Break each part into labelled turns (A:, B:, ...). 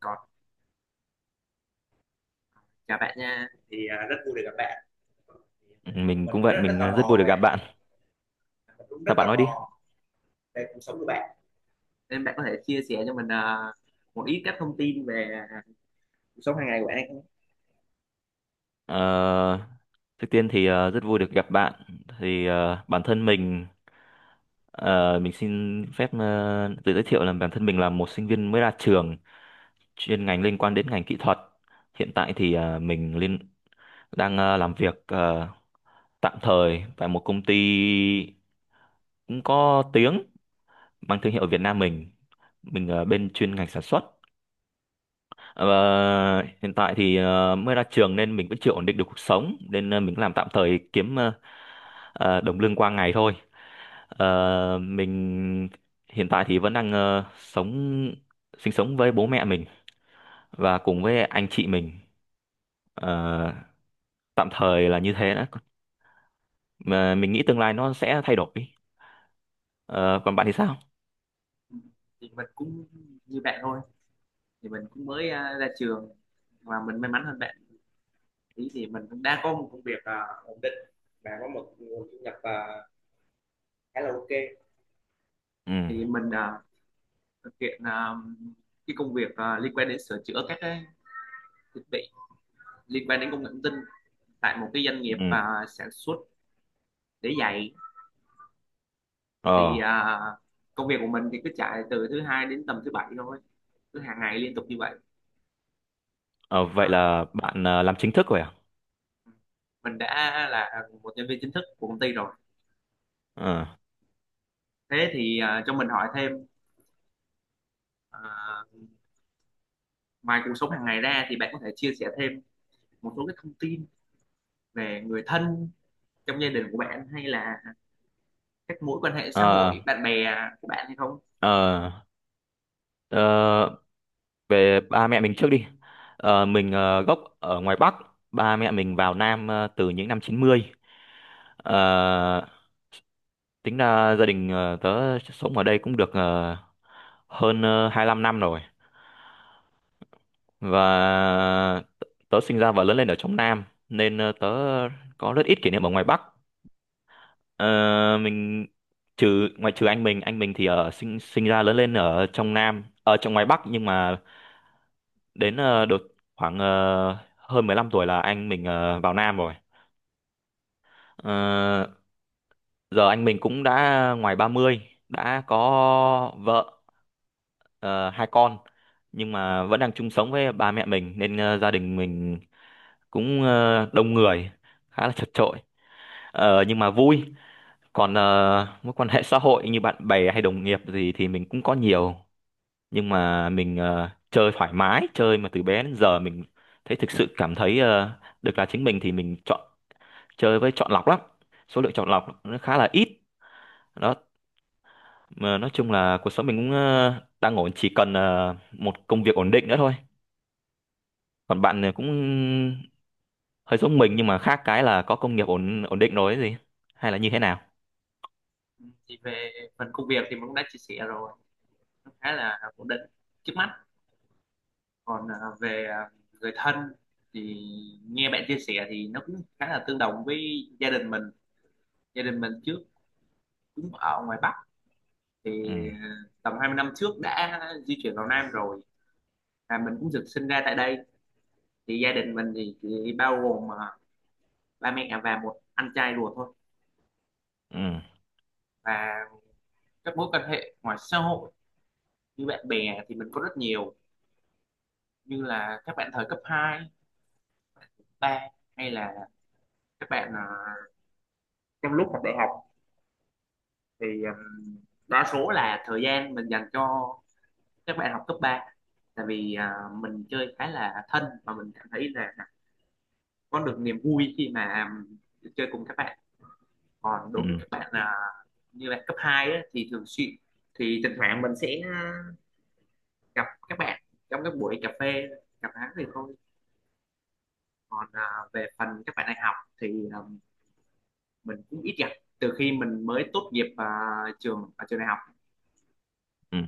A: Còn chào bạn nha. Rất vui được gặp bạn.
B: Mình cũng
A: mình
B: vậy,
A: rất rất
B: mình
A: tò
B: ờ, rất vui
A: mò
B: được gặp
A: về
B: bạn.
A: mình cũng rất
B: Sao
A: tò
B: bạn nói đi.
A: mò về cuộc sống của bạn. Nên bạn có thể chia sẻ cho mình một ít các thông tin về cuộc sống hàng ngày của bạn hay không?
B: Ờ, trước tiên thì rất vui được gặp bạn. Bản thân mình, ờ, mình xin phép tự giới thiệu là bản thân mình là một sinh viên mới ra trường, chuyên ngành liên quan đến ngành kỹ thuật. Hiện tại thì mình đang làm việc tạm thời tại một công ty cũng có tiếng, mang thương hiệu ở Việt Nam mình. Mình ở bên chuyên ngành sản xuất. Ờ, hiện tại thì mới ra trường nên mình vẫn chưa ổn định được cuộc sống, nên mình làm tạm thời, kiếm đồng lương qua ngày thôi. Ờ, mình hiện tại thì vẫn đang ờ, sống sinh sống với bố mẹ mình và cùng với anh chị mình. Ờ, tạm thời là như thế đó. Mà mình nghĩ tương lai nó sẽ thay đổi. Ờ, còn bạn thì sao?
A: Ừ, thì mình cũng như bạn thôi. Thì mình cũng mới ra trường và mình may mắn hơn bạn. Ý thì mình cũng đang có một công việc ổn định và có một nguồn thu nhập khá là ok.
B: Ừ.
A: Thì mình thực hiện cái công việc liên quan đến sửa chữa các cái thiết bị liên quan đến công nghệ thông tin tại một cái doanh nghiệp
B: Ừ.
A: sản xuất để dạy. thì
B: Ờ,
A: à, Công việc của mình thì cứ chạy từ thứ hai đến tầm thứ bảy thôi, cứ hàng ngày liên tục như vậy.
B: ờ, vậy
A: à,
B: là bạn làm chính thức rồi à?
A: mình đã là một nhân viên chính thức của công ty rồi.
B: Ờ.
A: Cho mình hỏi thêm, à, ngoài cuộc sống hàng ngày ra thì bạn có thể chia sẻ thêm một số cái thông tin về người thân trong gia đình của bạn hay là các mối quan hệ xã
B: Ờ,
A: hội bạn bè của bạn hay không?
B: ờ, ờ, về ba mẹ mình trước đi. Mình gốc ở ngoài Bắc. Ba mẹ mình vào Nam từ những năm 90. Ờ, tính ra gia đình tớ sống ở đây cũng được hơn 25 năm rồi, và tớ sinh ra và lớn lên ở trong Nam, nên tớ có rất ít kỷ niệm ở ngoài Bắc. Ờ, mình trừ ngoại trừ anh mình thì ở sinh sinh ra lớn lên ở trong Nam, ở trong ngoài Bắc, nhưng mà đến đợt khoảng hơn 15 tuổi là anh mình vào Nam rồi. Ờ, giờ anh mình cũng đã ngoài 30, đã có vợ, ờ, hai con, nhưng mà vẫn đang chung sống với ba mẹ mình, nên gia đình mình cũng đông người, khá là chật chội. Nhưng mà vui. Còn mối quan hệ xã hội như bạn bè hay đồng nghiệp gì thì mình cũng có nhiều, nhưng mà mình chơi thoải mái, chơi mà từ bé đến giờ mình thấy, thực sự cảm thấy được là chính mình, thì mình chọn chơi với chọn lọc lắm, số lượng chọn lọc nó khá là ít đó. Mà nói chung là cuộc sống mình cũng đang ổn, chỉ cần một công việc ổn định nữa thôi. Còn bạn này cũng hơi giống mình, nhưng mà khác cái là có công nghiệp ổn ổn định rồi ấy gì, hay là như thế nào?
A: Ừ, thì về phần công việc thì mình cũng đã chia sẻ rồi, nó khá là ổn định trước mắt. Còn về người thân thì nghe bạn chia sẻ thì nó cũng khá là tương đồng với gia đình mình. Gia đình mình trước cũng ở ngoài Bắc, thì
B: Ừ.
A: à, tầm 20 năm trước đã di chuyển vào Nam rồi, và mình cũng được sinh ra tại đây. Thì gia đình mình thì chỉ bao gồm ba mẹ và một anh trai ruột thôi.
B: Ừ.
A: Và các mối quan hệ ngoài xã hội như bạn bè thì mình có rất nhiều, như là các bạn thời cấp hai, ba, hay là các bạn trong lúc học đại học. Thì Đa số là thời gian mình dành cho các bạn học cấp 3, tại vì mình chơi khá là thân và mình cảm thấy là có được niềm vui khi mà chơi cùng các bạn. Còn đối
B: Ừ.
A: với các bạn như là cấp 2 á, thì thường xuyên, thì thỉnh thoảng mình sẽ gặp các bạn trong các buổi cà phê, gặp hắn thì thôi. Còn về phần các bạn đại học thì à, mình cũng ít gặp từ khi mình mới tốt nghiệp ở trường đại học.
B: Ừ.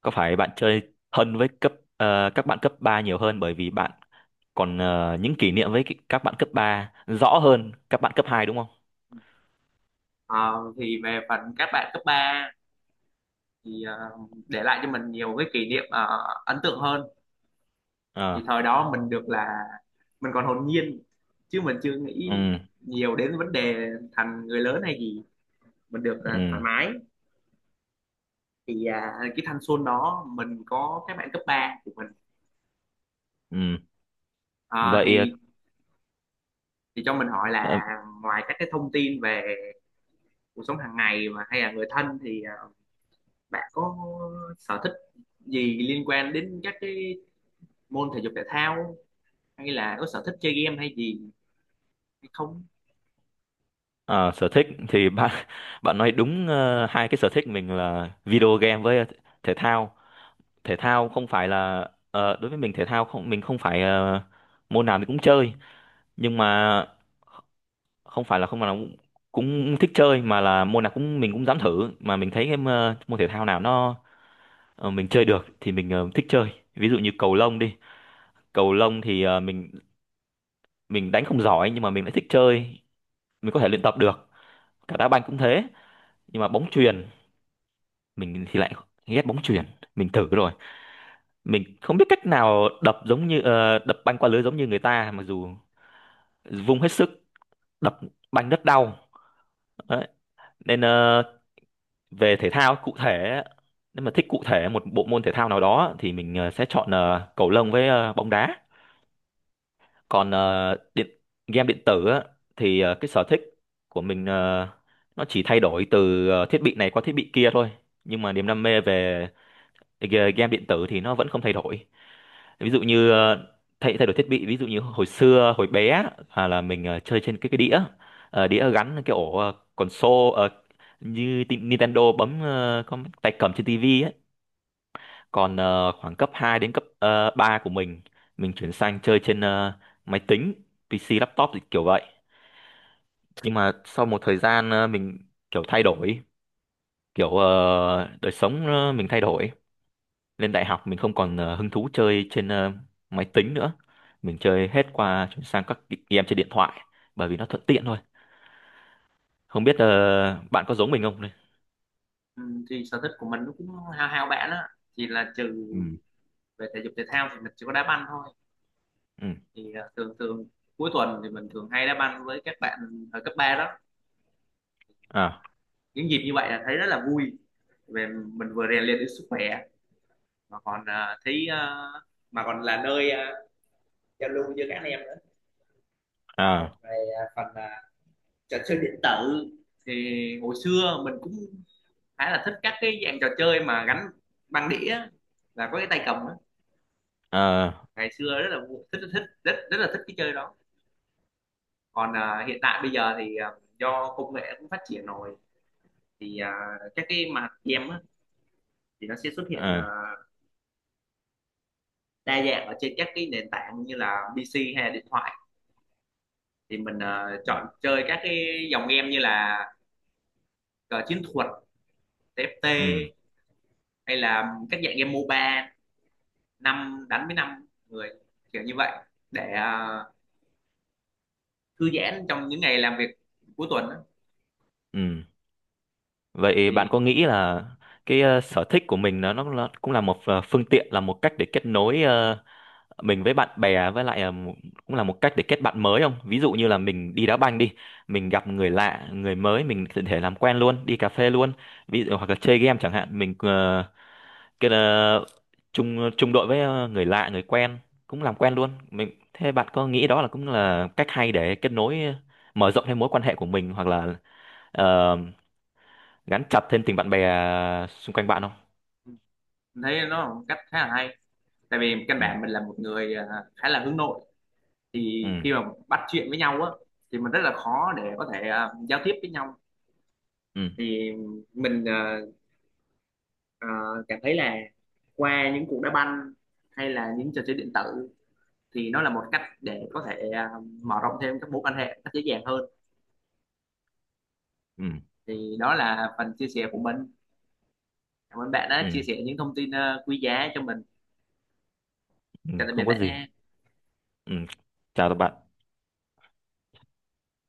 B: Có phải bạn chơi thân với các bạn cấp 3 nhiều hơn, bởi vì bạn còn những kỷ niệm với các bạn cấp 3 rõ hơn các bạn cấp hai đúng không?
A: Ờ, thì về phần các bạn cấp 3 thì để lại cho mình nhiều cái kỷ niệm ấn tượng hơn.
B: Ờ.
A: Thì thời đó mình được là mình còn hồn nhiên, chứ mình chưa nghĩ
B: Ừ.
A: nhiều đến vấn đề thành người lớn hay gì, mình được
B: Ừ.
A: thoải mái. Cái thanh xuân đó mình có các bạn cấp 3 của mình.
B: Ừ.
A: Ờ,
B: Vậy
A: thì thì cho mình hỏi
B: ờ,
A: là, ngoài các cái thông tin về cuộc sống hàng ngày mà hay là người thân thì bạn có sở thích gì liên quan đến các cái môn thể dục thể thao hay là có sở thích chơi game hay gì hay không?
B: ờ, sở thích thì bạn bạn nói đúng, hai cái sở thích mình là video game với thể thao. Thể thao không phải là, đối với mình thể thao không, mình không phải môn nào mình cũng chơi, nhưng mà không phải là không nào cũng cũng thích chơi, mà là môn nào cũng mình cũng dám thử, mà mình thấy cái môn thể thao nào nó, mình chơi được thì mình thích chơi. Ví dụ như cầu lông đi. Cầu lông thì mình đánh không giỏi nhưng mà mình lại thích chơi, mình có thể luyện tập được, cả đá banh cũng thế. Nhưng mà bóng chuyền, mình thì lại ghét bóng chuyền. Mình thử rồi, mình không biết cách nào đập giống như, đập banh qua lưới giống như người ta, mặc dù vung hết sức đập banh rất đau. Đấy. Nên về thể thao cụ thể, nếu mà thích cụ thể một bộ môn thể thao nào đó thì mình sẽ chọn cầu lông với bóng đá. Còn ờ, điện game điện tử á, thì cái sở thích của mình, nó chỉ thay đổi từ thiết bị này qua thiết bị kia thôi, nhưng mà niềm đam mê về game điện tử thì nó vẫn không thay đổi. Ví dụ như thay thay đổi thiết bị, ví dụ như hồi xưa hồi bé á, à, là mình chơi trên cái đĩa. Đĩa gắn cái ổ console, như Nintendo, bấm con tay cầm trên tivi. Còn khoảng cấp 2 đến cấp 3 của mình chuyển sang chơi trên máy tính, PC, laptop thì kiểu vậy. Nhưng mà sau một thời gian mình kiểu thay đổi, kiểu đời sống mình thay đổi. Lên đại học mình không còn hứng thú chơi trên máy tính nữa. Mình chơi hết qua, chuyển sang các game trên điện thoại, bởi vì nó thuận tiện thôi. Không biết bạn có giống mình không đây?
A: Ừ, thì sở thích của mình nó cũng hao hao bạn á, thì là trừ
B: Ừ.
A: về thể dục thể thao thì mình chỉ có đá banh thôi.
B: Ừ.
A: Thường thường cuối tuần thì mình thường hay đá banh với các bạn ở cấp 3 đó,
B: À,
A: những dịp như vậy là thấy rất là vui. Về mình vừa rèn luyện được sức khỏe mà còn à, thấy à, mà còn là nơi giao lưu với các anh em nữa. Còn
B: à,
A: về phần trò chơi điện tử thì hồi xưa mình cũng khá là thích các cái dạng trò chơi mà gắn băng đĩa và có cái tay cầm á.
B: à,
A: Ngày xưa rất là vui- thích thích rất rất là thích cái chơi đó. Còn hiện tại bây giờ do công nghệ cũng phát triển rồi, thì à, các cái mặt game á, thì nó sẽ xuất hiện
B: à,
A: đa dạng ở trên các cái nền tảng như là PC hay là điện thoại. Thì mình chọn chơi các cái dòng game như là cờ chiến thuật TFT
B: ừ,
A: hay là các dạng game MOBA 5 đánh với 5 người, kiểu như vậy, để thư giãn trong những ngày làm việc cuối tuần á.
B: ừ. Vậy bạn
A: thì
B: có nghĩ là cái sở thích của mình nó cũng là một phương tiện, là một cách để kết nối mình với bạn bè, với lại cũng là một cách để kết bạn mới không? Ví dụ như là mình đi đá banh đi, mình gặp người lạ, người mới mình có thể làm quen luôn, đi cà phê luôn. Ví dụ hoặc là chơi game chẳng hạn, mình cái chung chung đội với người lạ, người quen cũng làm quen luôn. Mình, thế bạn có nghĩ đó là cũng là cách hay để kết nối, mở rộng thêm mối quan hệ của mình, hoặc là ờ, gắn chặt thêm tình bạn bè, à, xung quanh bạn không?
A: ừ, mình thấy nó là một cách khá là hay, tại vì căn
B: Ừ,
A: bản mình là một người khá là hướng nội. Thì
B: ừ,
A: khi mà bắt chuyện với nhau á thì mình rất là khó để có thể giao tiếp với nhau.
B: ừ,
A: Thì mình à, cảm thấy là qua những cuộc đá banh hay là những trò chơi điện tử thì nó là một cách để có thể mở rộng thêm các mối quan hệ một cách dễ dàng hơn.
B: ừ,
A: Thì đó là phần chia sẻ của mình. Cảm ơn bạn đã chia
B: ừ,
A: sẻ những thông tin quý giá cho mình.
B: ừ. ừ,
A: Chào tạm biệt
B: không có
A: bạn
B: gì.
A: nha.
B: Ừ. Chào các bạn.